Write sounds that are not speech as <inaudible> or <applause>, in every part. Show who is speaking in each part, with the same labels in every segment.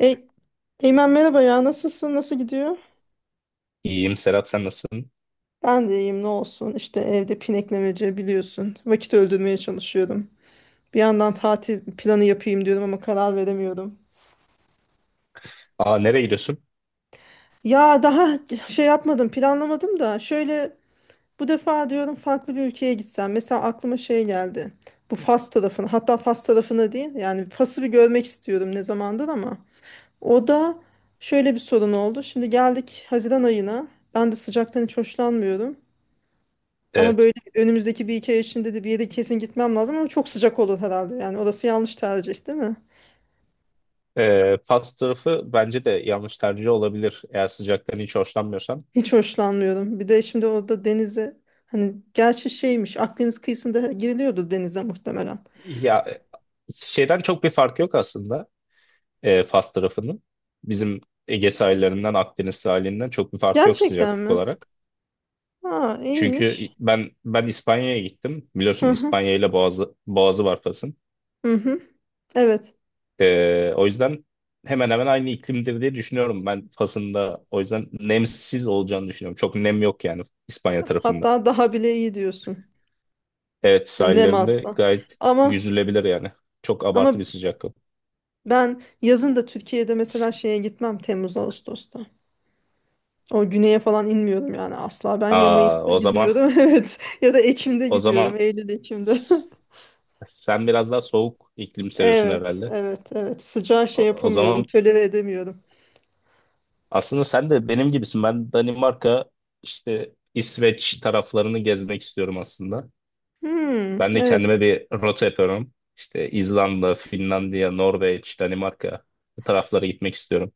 Speaker 1: E, Eymen, merhaba ya, nasılsın, nasıl gidiyor?
Speaker 2: İyiyim Serap, sen nasılsın?
Speaker 1: Ben de iyiyim, ne olsun işte, evde pineklemece biliyorsun, vakit öldürmeye çalışıyorum. Bir yandan tatil planı yapayım diyorum ama karar veremiyorum.
Speaker 2: Aa, nereye gidiyorsun?
Speaker 1: Ya daha şey yapmadım, planlamadım da şöyle, bu defa diyorum farklı bir ülkeye gitsem, mesela aklıma şey geldi. Bu Fas tarafını, hatta Fas tarafını değil yani Fas'ı bir görmek istiyorum ne zamandır, ama o da şöyle bir sorun oldu. Şimdi geldik Haziran ayına, ben de sıcaktan hiç hoşlanmıyorum. Ama böyle
Speaker 2: Evet.
Speaker 1: önümüzdeki bir iki ay içinde de bir yere kesin gitmem lazım, ama çok sıcak olur herhalde. Yani orası yanlış tercih değil mi?
Speaker 2: Fas tarafı bence de yanlış tercih olabilir eğer sıcaktan hiç hoşlanmıyorsan.
Speaker 1: Hiç hoşlanmıyorum. Bir de şimdi orada denize, hani gerçi şeymiş, Akdeniz kıyısında giriliyordu denize muhtemelen.
Speaker 2: Ya şeyden çok bir fark yok aslında, Fas tarafının. Bizim Ege sahillerinden Akdeniz sahilinden çok bir fark yok
Speaker 1: Gerçekten
Speaker 2: sıcaklık
Speaker 1: mi?
Speaker 2: olarak.
Speaker 1: Ha, iyiymiş.
Speaker 2: Çünkü ben İspanya'ya gittim.
Speaker 1: Hı
Speaker 2: Biliyorsun
Speaker 1: hı.
Speaker 2: İspanya ile Boğazı var Fas'ın.
Speaker 1: Hı hı. Evet.
Speaker 2: O yüzden hemen hemen aynı iklimdir diye düşünüyorum ben Fas'ın da. O yüzden nemsiz olacağını düşünüyorum. Çok nem yok yani İspanya tarafında.
Speaker 1: Hatta daha bile iyi diyorsun.
Speaker 2: Evet,
Speaker 1: Ne
Speaker 2: sahillerinde
Speaker 1: masa.
Speaker 2: gayet
Speaker 1: Ama
Speaker 2: yüzülebilir yani. Çok abartı
Speaker 1: ama
Speaker 2: bir sıcak yok.
Speaker 1: ben yazın da Türkiye'de mesela şeye gitmem, Temmuz Ağustos'ta. O güneye falan inmiyorum yani asla. Ben ya
Speaker 2: Aa,
Speaker 1: Mayıs'ta
Speaker 2: o zaman
Speaker 1: gidiyorum <laughs> evet, ya da Ekim'de
Speaker 2: o zaman
Speaker 1: gidiyorum, Eylül Ekim'de. <laughs>
Speaker 2: s- sen biraz daha soğuk iklim seviyorsun
Speaker 1: Evet,
Speaker 2: herhalde.
Speaker 1: evet, evet, sıcağı şey
Speaker 2: O
Speaker 1: yapamıyorum,
Speaker 2: zaman
Speaker 1: tolere edemiyorum.
Speaker 2: aslında sen de benim gibisin. Ben Danimarka işte İsveç taraflarını gezmek istiyorum aslında.
Speaker 1: Hmm,
Speaker 2: Ben de
Speaker 1: evet.
Speaker 2: kendime bir rota yapıyorum. İşte İzlanda, Finlandiya, Norveç, Danimarka, bu taraflara gitmek istiyorum.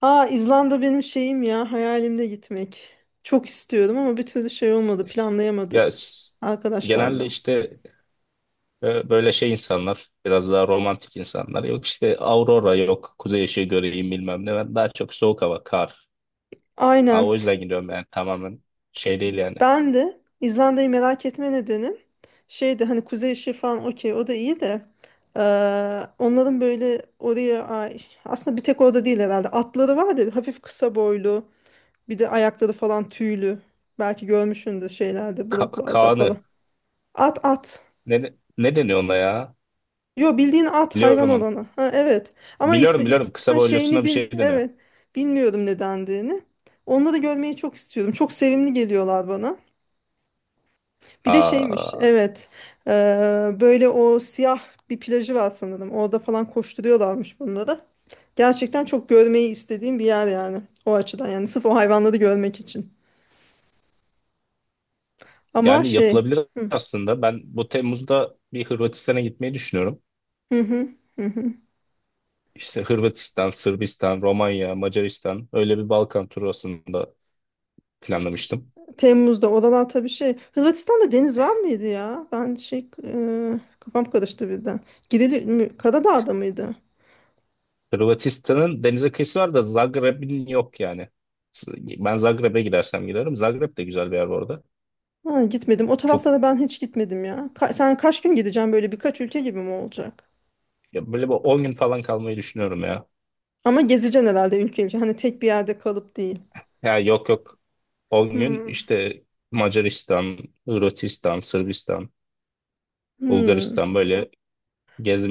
Speaker 1: Aa, İzlanda benim şeyim ya, hayalimde gitmek. Çok istiyorum ama bir türlü şey olmadı,
Speaker 2: Ya
Speaker 1: planlayamadık
Speaker 2: s- genelde
Speaker 1: arkadaşlarla.
Speaker 2: işte, böyle şey insanlar, biraz daha romantik insanlar. Yok işte aurora, yok kuzey ışığı göreyim bilmem ne. Ben daha çok soğuk hava, kar. Ha,
Speaker 1: Aynen.
Speaker 2: o yüzden gidiyorum yani, tamamen şey değil yani.
Speaker 1: Ben de İzlanda'yı merak etme nedenim şeydi, hani kuzey ışığı falan, okey, o da iyi de eee, onların böyle oraya aslında bir tek orada değil herhalde, atları var ya, hafif kısa boylu, bir de ayakları falan tüylü, belki görmüşsündür şeylerde, bloklarda falan.
Speaker 2: Kaan'ı.
Speaker 1: At
Speaker 2: Ne deniyor ona ya?
Speaker 1: yo, bildiğin at, hayvan
Speaker 2: Biliyorum onu.
Speaker 1: olanı. Ha, evet, ama
Speaker 2: Biliyorum, biliyorum, kısa
Speaker 1: ha,
Speaker 2: boylusuna
Speaker 1: şeyini
Speaker 2: bir
Speaker 1: bil,
Speaker 2: şey deniyor.
Speaker 1: evet. Bilmiyorum nedendiğini, onları görmeyi çok istiyorum, çok sevimli geliyorlar bana. Bir de şeymiş,
Speaker 2: Aa,
Speaker 1: evet. Ee, böyle o siyah bir plajı var sanırım, orada falan koşturuyorlarmış bunları. Gerçekten çok görmeyi istediğim bir yer yani, o açıdan yani, sırf o hayvanları görmek için. Ama
Speaker 2: yani
Speaker 1: şey.
Speaker 2: yapılabilir
Speaker 1: Hı
Speaker 2: aslında. Ben bu Temmuz'da bir Hırvatistan'a gitmeyi düşünüyorum.
Speaker 1: hı hı. Hı hı.
Speaker 2: İşte Hırvatistan, Sırbistan, Romanya, Macaristan, öyle bir Balkan turu aslında
Speaker 1: Ş-
Speaker 2: planlamıştım.
Speaker 1: Temmuz'da oralar tabii şey, Hırvatistan'da deniz var mıydı ya? Ben şey, kafam karıştı birden. Karadağ'da mıydı?
Speaker 2: Hırvatistan'ın denize kıyısı var da Zagreb'in yok yani. Ben Zagreb'e gidersem giderim. Zagreb de güzel bir yer bu arada.
Speaker 1: Ha, gitmedim. O
Speaker 2: Çok
Speaker 1: taraflara ben hiç gitmedim ya. Sen kaç gün gideceksin, böyle birkaç ülke gibi mi olacak?
Speaker 2: ya böyle bir 10 gün falan kalmayı düşünüyorum ya.
Speaker 1: Ama gezeceksin herhalde, ülke ülke. Hani tek bir yerde kalıp değil.
Speaker 2: Ya, yok yok, 10 gün
Speaker 1: Hmm.
Speaker 2: işte Macaristan, Hırvatistan, Sırbistan,
Speaker 1: Hmm.
Speaker 2: Bulgaristan, böyle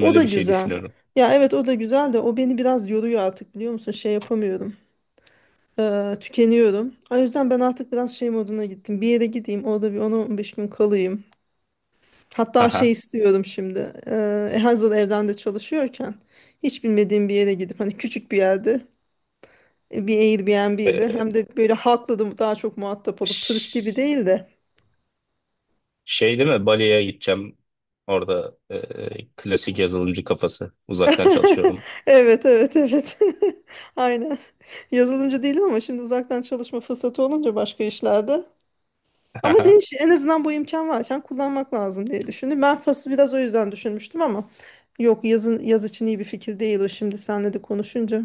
Speaker 1: O da
Speaker 2: bir şey
Speaker 1: güzel.
Speaker 2: düşünüyorum.
Speaker 1: Ya evet, o da güzel de o beni biraz yoruyor artık, biliyor musun? Şey yapamıyorum. Tükeniyorum. O yüzden ben artık biraz şey moduna gittim. Bir yere gideyim, orada bir 10-15 gün kalayım. Hatta şey
Speaker 2: Haha.
Speaker 1: istiyorum şimdi. Hazır evden de çalışıyorken hiç bilmediğim bir yere gidip, hani küçük bir yerde, bir Airbnb ile,
Speaker 2: E,
Speaker 1: hem de böyle halkla da daha çok muhatap olup,
Speaker 2: Ş-
Speaker 1: turist gibi değil de.
Speaker 2: Şey değil mi? Bali'ye gideceğim. Orada, klasik yazılımcı kafası. Uzaktan
Speaker 1: <laughs>
Speaker 2: çalışıyorum.
Speaker 1: Evet, evet, evet. <laughs> Aynen. Yazılımcı değilim ama şimdi uzaktan çalışma fırsatı olunca başka işlerde. Ama
Speaker 2: Aha.
Speaker 1: değiş, en azından bu imkan varken kullanmak lazım diye düşündüm. Ben Fas'ı biraz o yüzden düşünmüştüm ama yok, yazın, yaz için iyi bir fikir değil o, şimdi seninle de konuşunca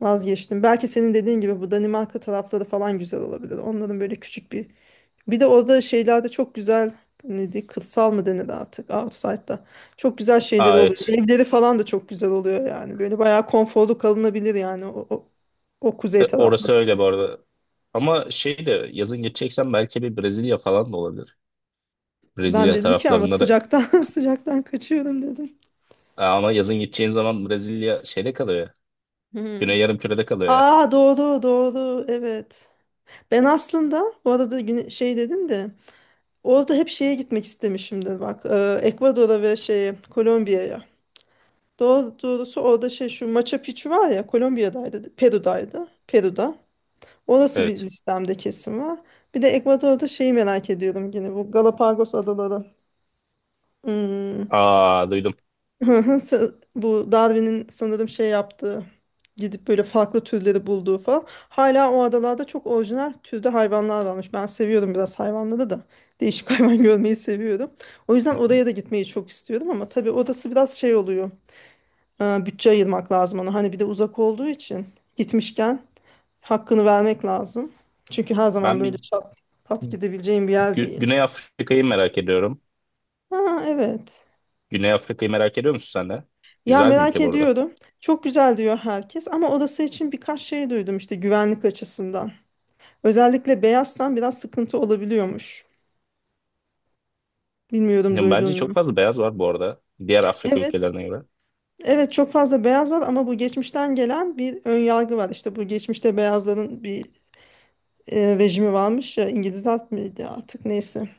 Speaker 1: vazgeçtim. Belki senin dediğin gibi bu Danimarka tarafları falan güzel olabilir. Onların böyle küçük bir, bir de orada şeylerde çok güzel, neydi, kırsal mı denir artık, outside'da çok güzel
Speaker 2: <laughs>
Speaker 1: şeyleri
Speaker 2: Aa,
Speaker 1: oluyor.
Speaker 2: evet.
Speaker 1: Evleri falan da çok güzel oluyor yani. Böyle bayağı konforlu kalınabilir yani, o, o, o kuzey tarafta.
Speaker 2: Orası öyle bu arada. Ama şey de yazın gideceksen belki bir Brezilya falan da olabilir.
Speaker 1: Ben
Speaker 2: Brezilya
Speaker 1: dedim ki ama
Speaker 2: taraflarında da.
Speaker 1: sıcaktan <laughs> sıcaktan kaçıyorum dedim.
Speaker 2: Aa, ama yazın gideceğin zaman Brezilya şeyde kalıyor ya.
Speaker 1: Hmm.
Speaker 2: Güney Yarımküre'de kalıyor ya.
Speaker 1: Aa, doğru doğru, evet. Ben aslında bu arada güne- şey dedin de, orada hep şeye gitmek istemişimdir bak, Ekvador'a ve şeye, Kolombiya'ya. Doğrusu orada şey, şu Machu Picchu var ya, Kolombiya'daydı, Peru'daydı. Peru'da. Orası bir
Speaker 2: Evet.
Speaker 1: listemde kesin var. Bir de Ekvador'da şeyi merak ediyorum, yine bu Galapagos adaları. Hmm.
Speaker 2: Aa, duydum.
Speaker 1: <laughs> Bu Darwin'in sanırım şey yaptığı, gidip böyle farklı türleri bulduğu falan. Hala o adalarda çok orijinal türde hayvanlar varmış. Ben seviyorum biraz hayvanları da. Değişik <laughs> hayvan görmeyi seviyorum. O yüzden
Speaker 2: <laughs>
Speaker 1: oraya da gitmeyi çok istiyorum ama tabii orası biraz şey oluyor. Bütçe ayırmak lazım ona. Hani bir de uzak olduğu için gitmişken hakkını vermek lazım. Çünkü her zaman
Speaker 2: Ben
Speaker 1: böyle
Speaker 2: bir
Speaker 1: şat pat gidebileceğin bir yer değil.
Speaker 2: Güney Afrika'yı merak ediyorum.
Speaker 1: Ha, evet.
Speaker 2: Güney Afrika'yı merak ediyor musun sen de?
Speaker 1: Ya
Speaker 2: Güzel bir
Speaker 1: merak
Speaker 2: ülke bu arada.
Speaker 1: ediyorum. Çok güzel diyor herkes ama orası için birkaç şey duydum işte, güvenlik açısından. Özellikle beyazsan biraz sıkıntı olabiliyormuş. Bilmiyorum,
Speaker 2: Ya
Speaker 1: duydun
Speaker 2: bence çok
Speaker 1: mu?
Speaker 2: fazla beyaz var bu arada. Diğer Afrika
Speaker 1: Evet.
Speaker 2: ülkelerine göre.
Speaker 1: Evet, çok fazla beyaz var ama bu geçmişten gelen bir ön yargı var. İşte bu geçmişte beyazların bir rejimi varmış ya, İngilizler miydi artık, neyse,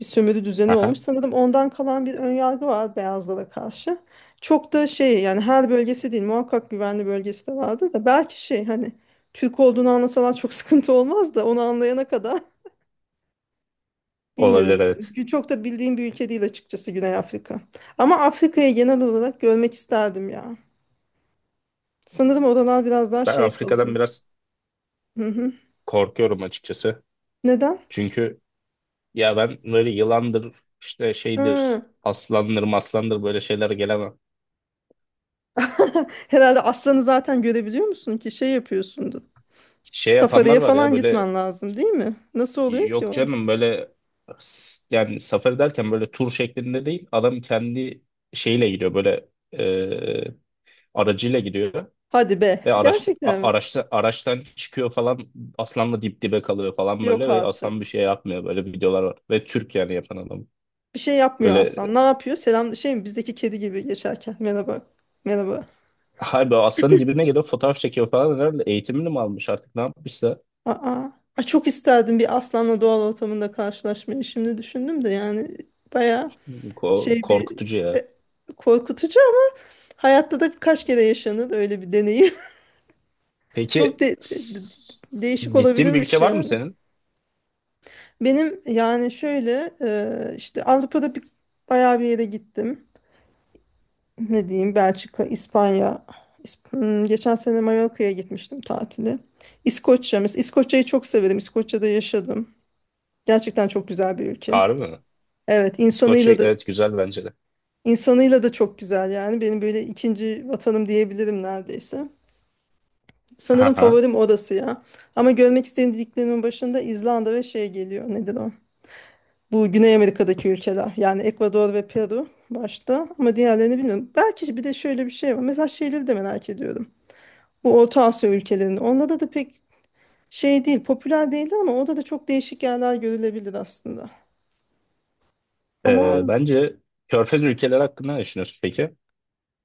Speaker 1: bir sömürü düzeni
Speaker 2: Aha,
Speaker 1: olmuş. Sanırım ondan kalan bir önyargı var beyazlara karşı. Çok da şey yani, her bölgesi değil muhakkak, güvenli bölgesi de vardı da, belki şey hani Türk olduğunu anlasalar çok <laughs> sıkıntı olmaz da, onu anlayana kadar <laughs> bilmiyorum
Speaker 2: olabilir,
Speaker 1: tabii.
Speaker 2: evet.
Speaker 1: Çünkü çok da bildiğim bir ülke değil açıkçası, Güney Afrika. Ama Afrika'yı genel olarak görmek isterdim ya. Sanırım oralar biraz daha
Speaker 2: Ben
Speaker 1: şey
Speaker 2: Afrika'dan
Speaker 1: kalıyor.
Speaker 2: biraz
Speaker 1: Hı hı.
Speaker 2: korkuyorum açıkçası.
Speaker 1: Neden?
Speaker 2: Çünkü ya ben böyle yılandır, işte
Speaker 1: Hı.
Speaker 2: şeydir, aslandır, maslandır, böyle şeyler gelemem.
Speaker 1: <laughs> Herhalde aslanı zaten görebiliyor musun ki şey yapıyorsundur.
Speaker 2: Şey yapanlar
Speaker 1: Safari'ye
Speaker 2: var ya,
Speaker 1: falan
Speaker 2: böyle.
Speaker 1: gitmen lazım değil mi? Nasıl oluyor ki
Speaker 2: Yok
Speaker 1: o?
Speaker 2: canım, böyle yani safari derken böyle tur şeklinde değil. Adam kendi şeyle gidiyor, böyle e, aracıyla gidiyor.
Speaker 1: Hadi be,
Speaker 2: Ve araçta,
Speaker 1: gerçekten
Speaker 2: a-
Speaker 1: mi?
Speaker 2: araçta, araçtan çıkıyor falan, aslanla dip dibe kalıyor falan
Speaker 1: Yok
Speaker 2: böyle, ve aslan bir
Speaker 1: artık.
Speaker 2: şey yapmıyor, böyle videolar var. Ve Türk, yani yapan adam.
Speaker 1: Bir şey yapmıyor
Speaker 2: Böyle
Speaker 1: aslan. Ne yapıyor? Selam şey mi? Bizdeki kedi gibi geçerken. Merhaba. Merhaba.
Speaker 2: harbi aslanın dibine geliyor, fotoğraf çekiyor falan, herhalde eğitimini mi almış artık ne yapmışsa.
Speaker 1: Aa. Ay, çok isterdim bir aslanla doğal ortamında karşılaşmayı. Şimdi düşündüm de yani baya
Speaker 2: Ko-
Speaker 1: şey bir
Speaker 2: korkutucu ya.
Speaker 1: e, korkutucu ama, hayatta da birkaç kere yaşanır öyle bir deneyim. <laughs> Çok
Speaker 2: Peki
Speaker 1: değişik
Speaker 2: gittiğin bir
Speaker 1: olabilirmiş
Speaker 2: ülke var mı
Speaker 1: yani.
Speaker 2: senin?
Speaker 1: Benim yani şöyle, işte Avrupa'da bir bayağı bir yere gittim. Ne diyeyim, Belçika, İspanya. Geçen sene Mallorca'ya gitmiştim tatili. İskoçya mesela, İskoçya'yı çok severim. İskoçya'da yaşadım. Gerçekten çok güzel bir ülke.
Speaker 2: Harbi mi?
Speaker 1: Evet,
Speaker 2: İskoçya,
Speaker 1: insanıyla da,
Speaker 2: evet, güzel bence de.
Speaker 1: insanıyla da çok güzel yani. Benim böyle ikinci vatanım diyebilirim neredeyse. Sanırım
Speaker 2: Aha.
Speaker 1: favorim orası ya. Ama görmek istediklerimin başında İzlanda ve şey geliyor. Nedir o? Bu Güney Amerika'daki ülkeler yani, Ekvador ve Peru başta, ama diğerlerini bilmiyorum. Belki bir de şöyle bir şey var. Mesela şeyleri de merak ediyorum. Bu Orta Asya ülkelerinin, onlarda da pek şey değil, popüler değil ama orada da çok değişik yerler görülebilir aslında. Ama
Speaker 2: Bence Körfez ülkeleri hakkında ne düşünüyorsun peki?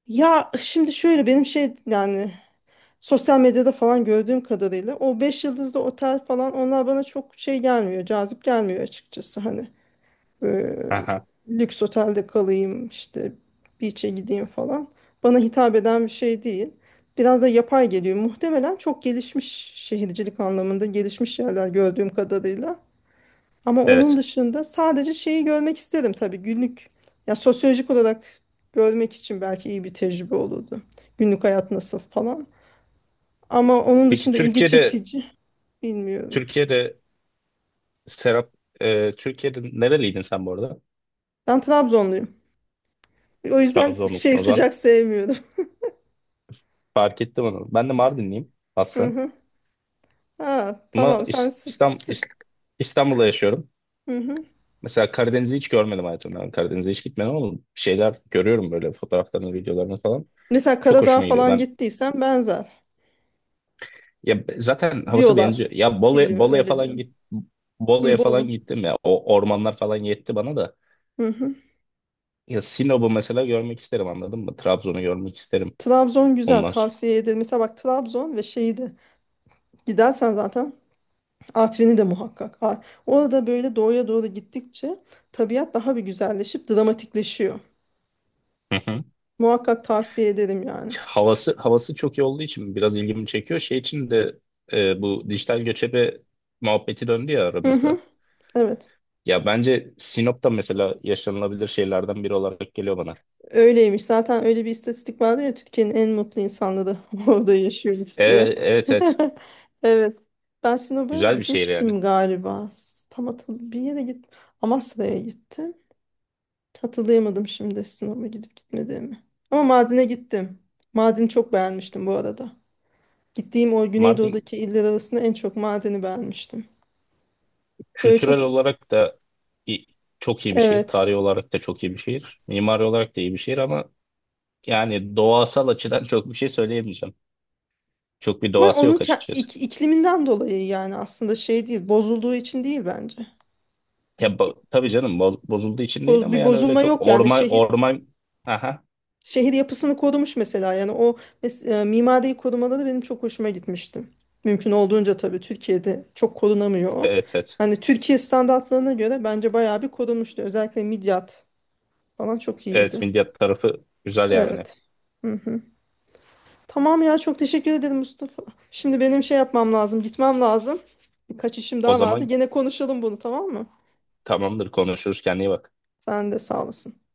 Speaker 1: ya şimdi şöyle benim şey yani, sosyal medyada falan gördüğüm kadarıyla o 5 yıldızlı otel falan, onlar bana çok şey gelmiyor, cazip gelmiyor açıkçası hani. e,
Speaker 2: Aha.
Speaker 1: Lüks otelde kalayım işte, beach'e gideyim falan. Bana hitap eden bir şey değil. Biraz da yapay geliyor. Muhtemelen çok gelişmiş, şehircilik anlamında gelişmiş yerler gördüğüm kadarıyla. Ama onun
Speaker 2: Evet.
Speaker 1: dışında sadece şeyi görmek isterim tabii, günlük. Ya sosyolojik olarak görmek için belki iyi bir tecrübe olurdu. Günlük hayat nasıl falan. Ama onun
Speaker 2: Peki
Speaker 1: dışında ilgi
Speaker 2: Türkiye'de
Speaker 1: çekici bilmiyorum.
Speaker 2: Türkiye'de Serap, Türkiye'de nereliydin sen bu arada?
Speaker 1: Ben Trabzonluyum. O yüzden şey
Speaker 2: Trabzonlusun. O zaman
Speaker 1: sıcak sevmiyorum.
Speaker 2: fark ettim onu. Ben de Mardinliyim
Speaker 1: <laughs> Hı
Speaker 2: aslında.
Speaker 1: hı. Ha,
Speaker 2: Ama
Speaker 1: tamam, sen
Speaker 2: İs- İstam, İs- İstanbul'da yaşıyorum.
Speaker 1: hı hı.
Speaker 2: Mesela Karadeniz'i hiç görmedim hayatımda. Ben Karadeniz'e hiç gitmedim ama bir şeyler görüyorum böyle, fotoğraflarını, videolarını falan.
Speaker 1: Mesela
Speaker 2: Çok
Speaker 1: Karadağ
Speaker 2: hoşuma gidiyor.
Speaker 1: falan
Speaker 2: Ben
Speaker 1: gittiysen benzer
Speaker 2: ya, zaten havası benziyor.
Speaker 1: diyorlar.
Speaker 2: Ya Bolu,
Speaker 1: Biliyor
Speaker 2: Bolu'ya
Speaker 1: öyle
Speaker 2: falan
Speaker 1: diyorum.
Speaker 2: git.
Speaker 1: Hı,
Speaker 2: Bolu'ya falan
Speaker 1: Bolu.
Speaker 2: gittim ya. O ormanlar falan yetti bana da.
Speaker 1: Hı hı.
Speaker 2: Ya Sinop'u mesela görmek isterim, anladın mı? Trabzon'u görmek isterim
Speaker 1: Trabzon güzel,
Speaker 2: ondan sonra.
Speaker 1: tavsiye ederim. Mesela bak Trabzon ve şeyi de gidersen zaten Artvin'i de muhakkak. Orada böyle doğuya doğru gittikçe tabiat daha bir güzelleşip dramatikleşiyor.
Speaker 2: <laughs>
Speaker 1: Muhakkak tavsiye ederim yani.
Speaker 2: Havası, havası çok iyi olduğu için biraz ilgimi çekiyor. Şey için de, bu dijital göçebe muhabbeti döndü ya
Speaker 1: Hı hı.
Speaker 2: aramızda.
Speaker 1: Evet.
Speaker 2: Ya bence Sinop'ta mesela yaşanılabilir şeylerden biri olarak geliyor bana.
Speaker 1: Öyleymiş. Zaten öyle bir istatistik vardı ya, Türkiye'nin en mutlu insanları <laughs> orada yaşıyormuş
Speaker 2: E,
Speaker 1: diye.
Speaker 2: evet, evet.
Speaker 1: <laughs> Evet. Ben Sinop'a
Speaker 2: Güzel bir şehir yani.
Speaker 1: gitmiştim galiba. Tam hatırlı bir yere git. Amasra'ya gittim. Hatırlayamadım şimdi Sinop'a gidip gitmediğimi. Ama Mardin'e gittim. Mardin'i çok beğenmiştim bu arada. Gittiğim o
Speaker 2: Mardin
Speaker 1: Güneydoğu'daki iller arasında en çok Mardin'i beğenmiştim. Böyle çok
Speaker 2: kültürel olarak da i- çok iyi bir şehir.
Speaker 1: evet.
Speaker 2: Tarihi olarak da çok iyi bir şehir. Mimari olarak da iyi bir şehir ama yani doğasal açıdan <laughs> çok bir şey söyleyemeyeceğim. Çok bir
Speaker 1: Ama
Speaker 2: doğası
Speaker 1: onun
Speaker 2: yok
Speaker 1: ke-
Speaker 2: açıkçası.
Speaker 1: ikliminden dolayı yani, aslında şey değil, bozulduğu için değil bence.
Speaker 2: Ya, tabii canım, bozulduğu için değil ama
Speaker 1: Bir
Speaker 2: yani öyle
Speaker 1: bozulma
Speaker 2: çok
Speaker 1: yok yani,
Speaker 2: orman
Speaker 1: şehir,
Speaker 2: orman. Aha.
Speaker 1: şehir yapısını korumuş mesela, yani o mimariyi korumaları benim çok hoşuma gitmişti. Mümkün olduğunca, tabii Türkiye'de çok korunamıyor o.
Speaker 2: Evet, evet.
Speaker 1: Hani Türkiye standartlarına göre bence bayağı bir korunmuştu. Özellikle Midyat falan çok
Speaker 2: Evet,
Speaker 1: iyiydi.
Speaker 2: milliyet tarafı güzel yani.
Speaker 1: Evet. Hı hı. Tamam ya, çok teşekkür ederim Mustafa. Şimdi benim şey yapmam lazım, gitmem lazım. Birkaç işim
Speaker 2: O
Speaker 1: daha vardı.
Speaker 2: zaman
Speaker 1: Gene konuşalım bunu, tamam mı?
Speaker 2: tamamdır, konuşuruz, kendine iyi bak.
Speaker 1: Sen de sağ olasın.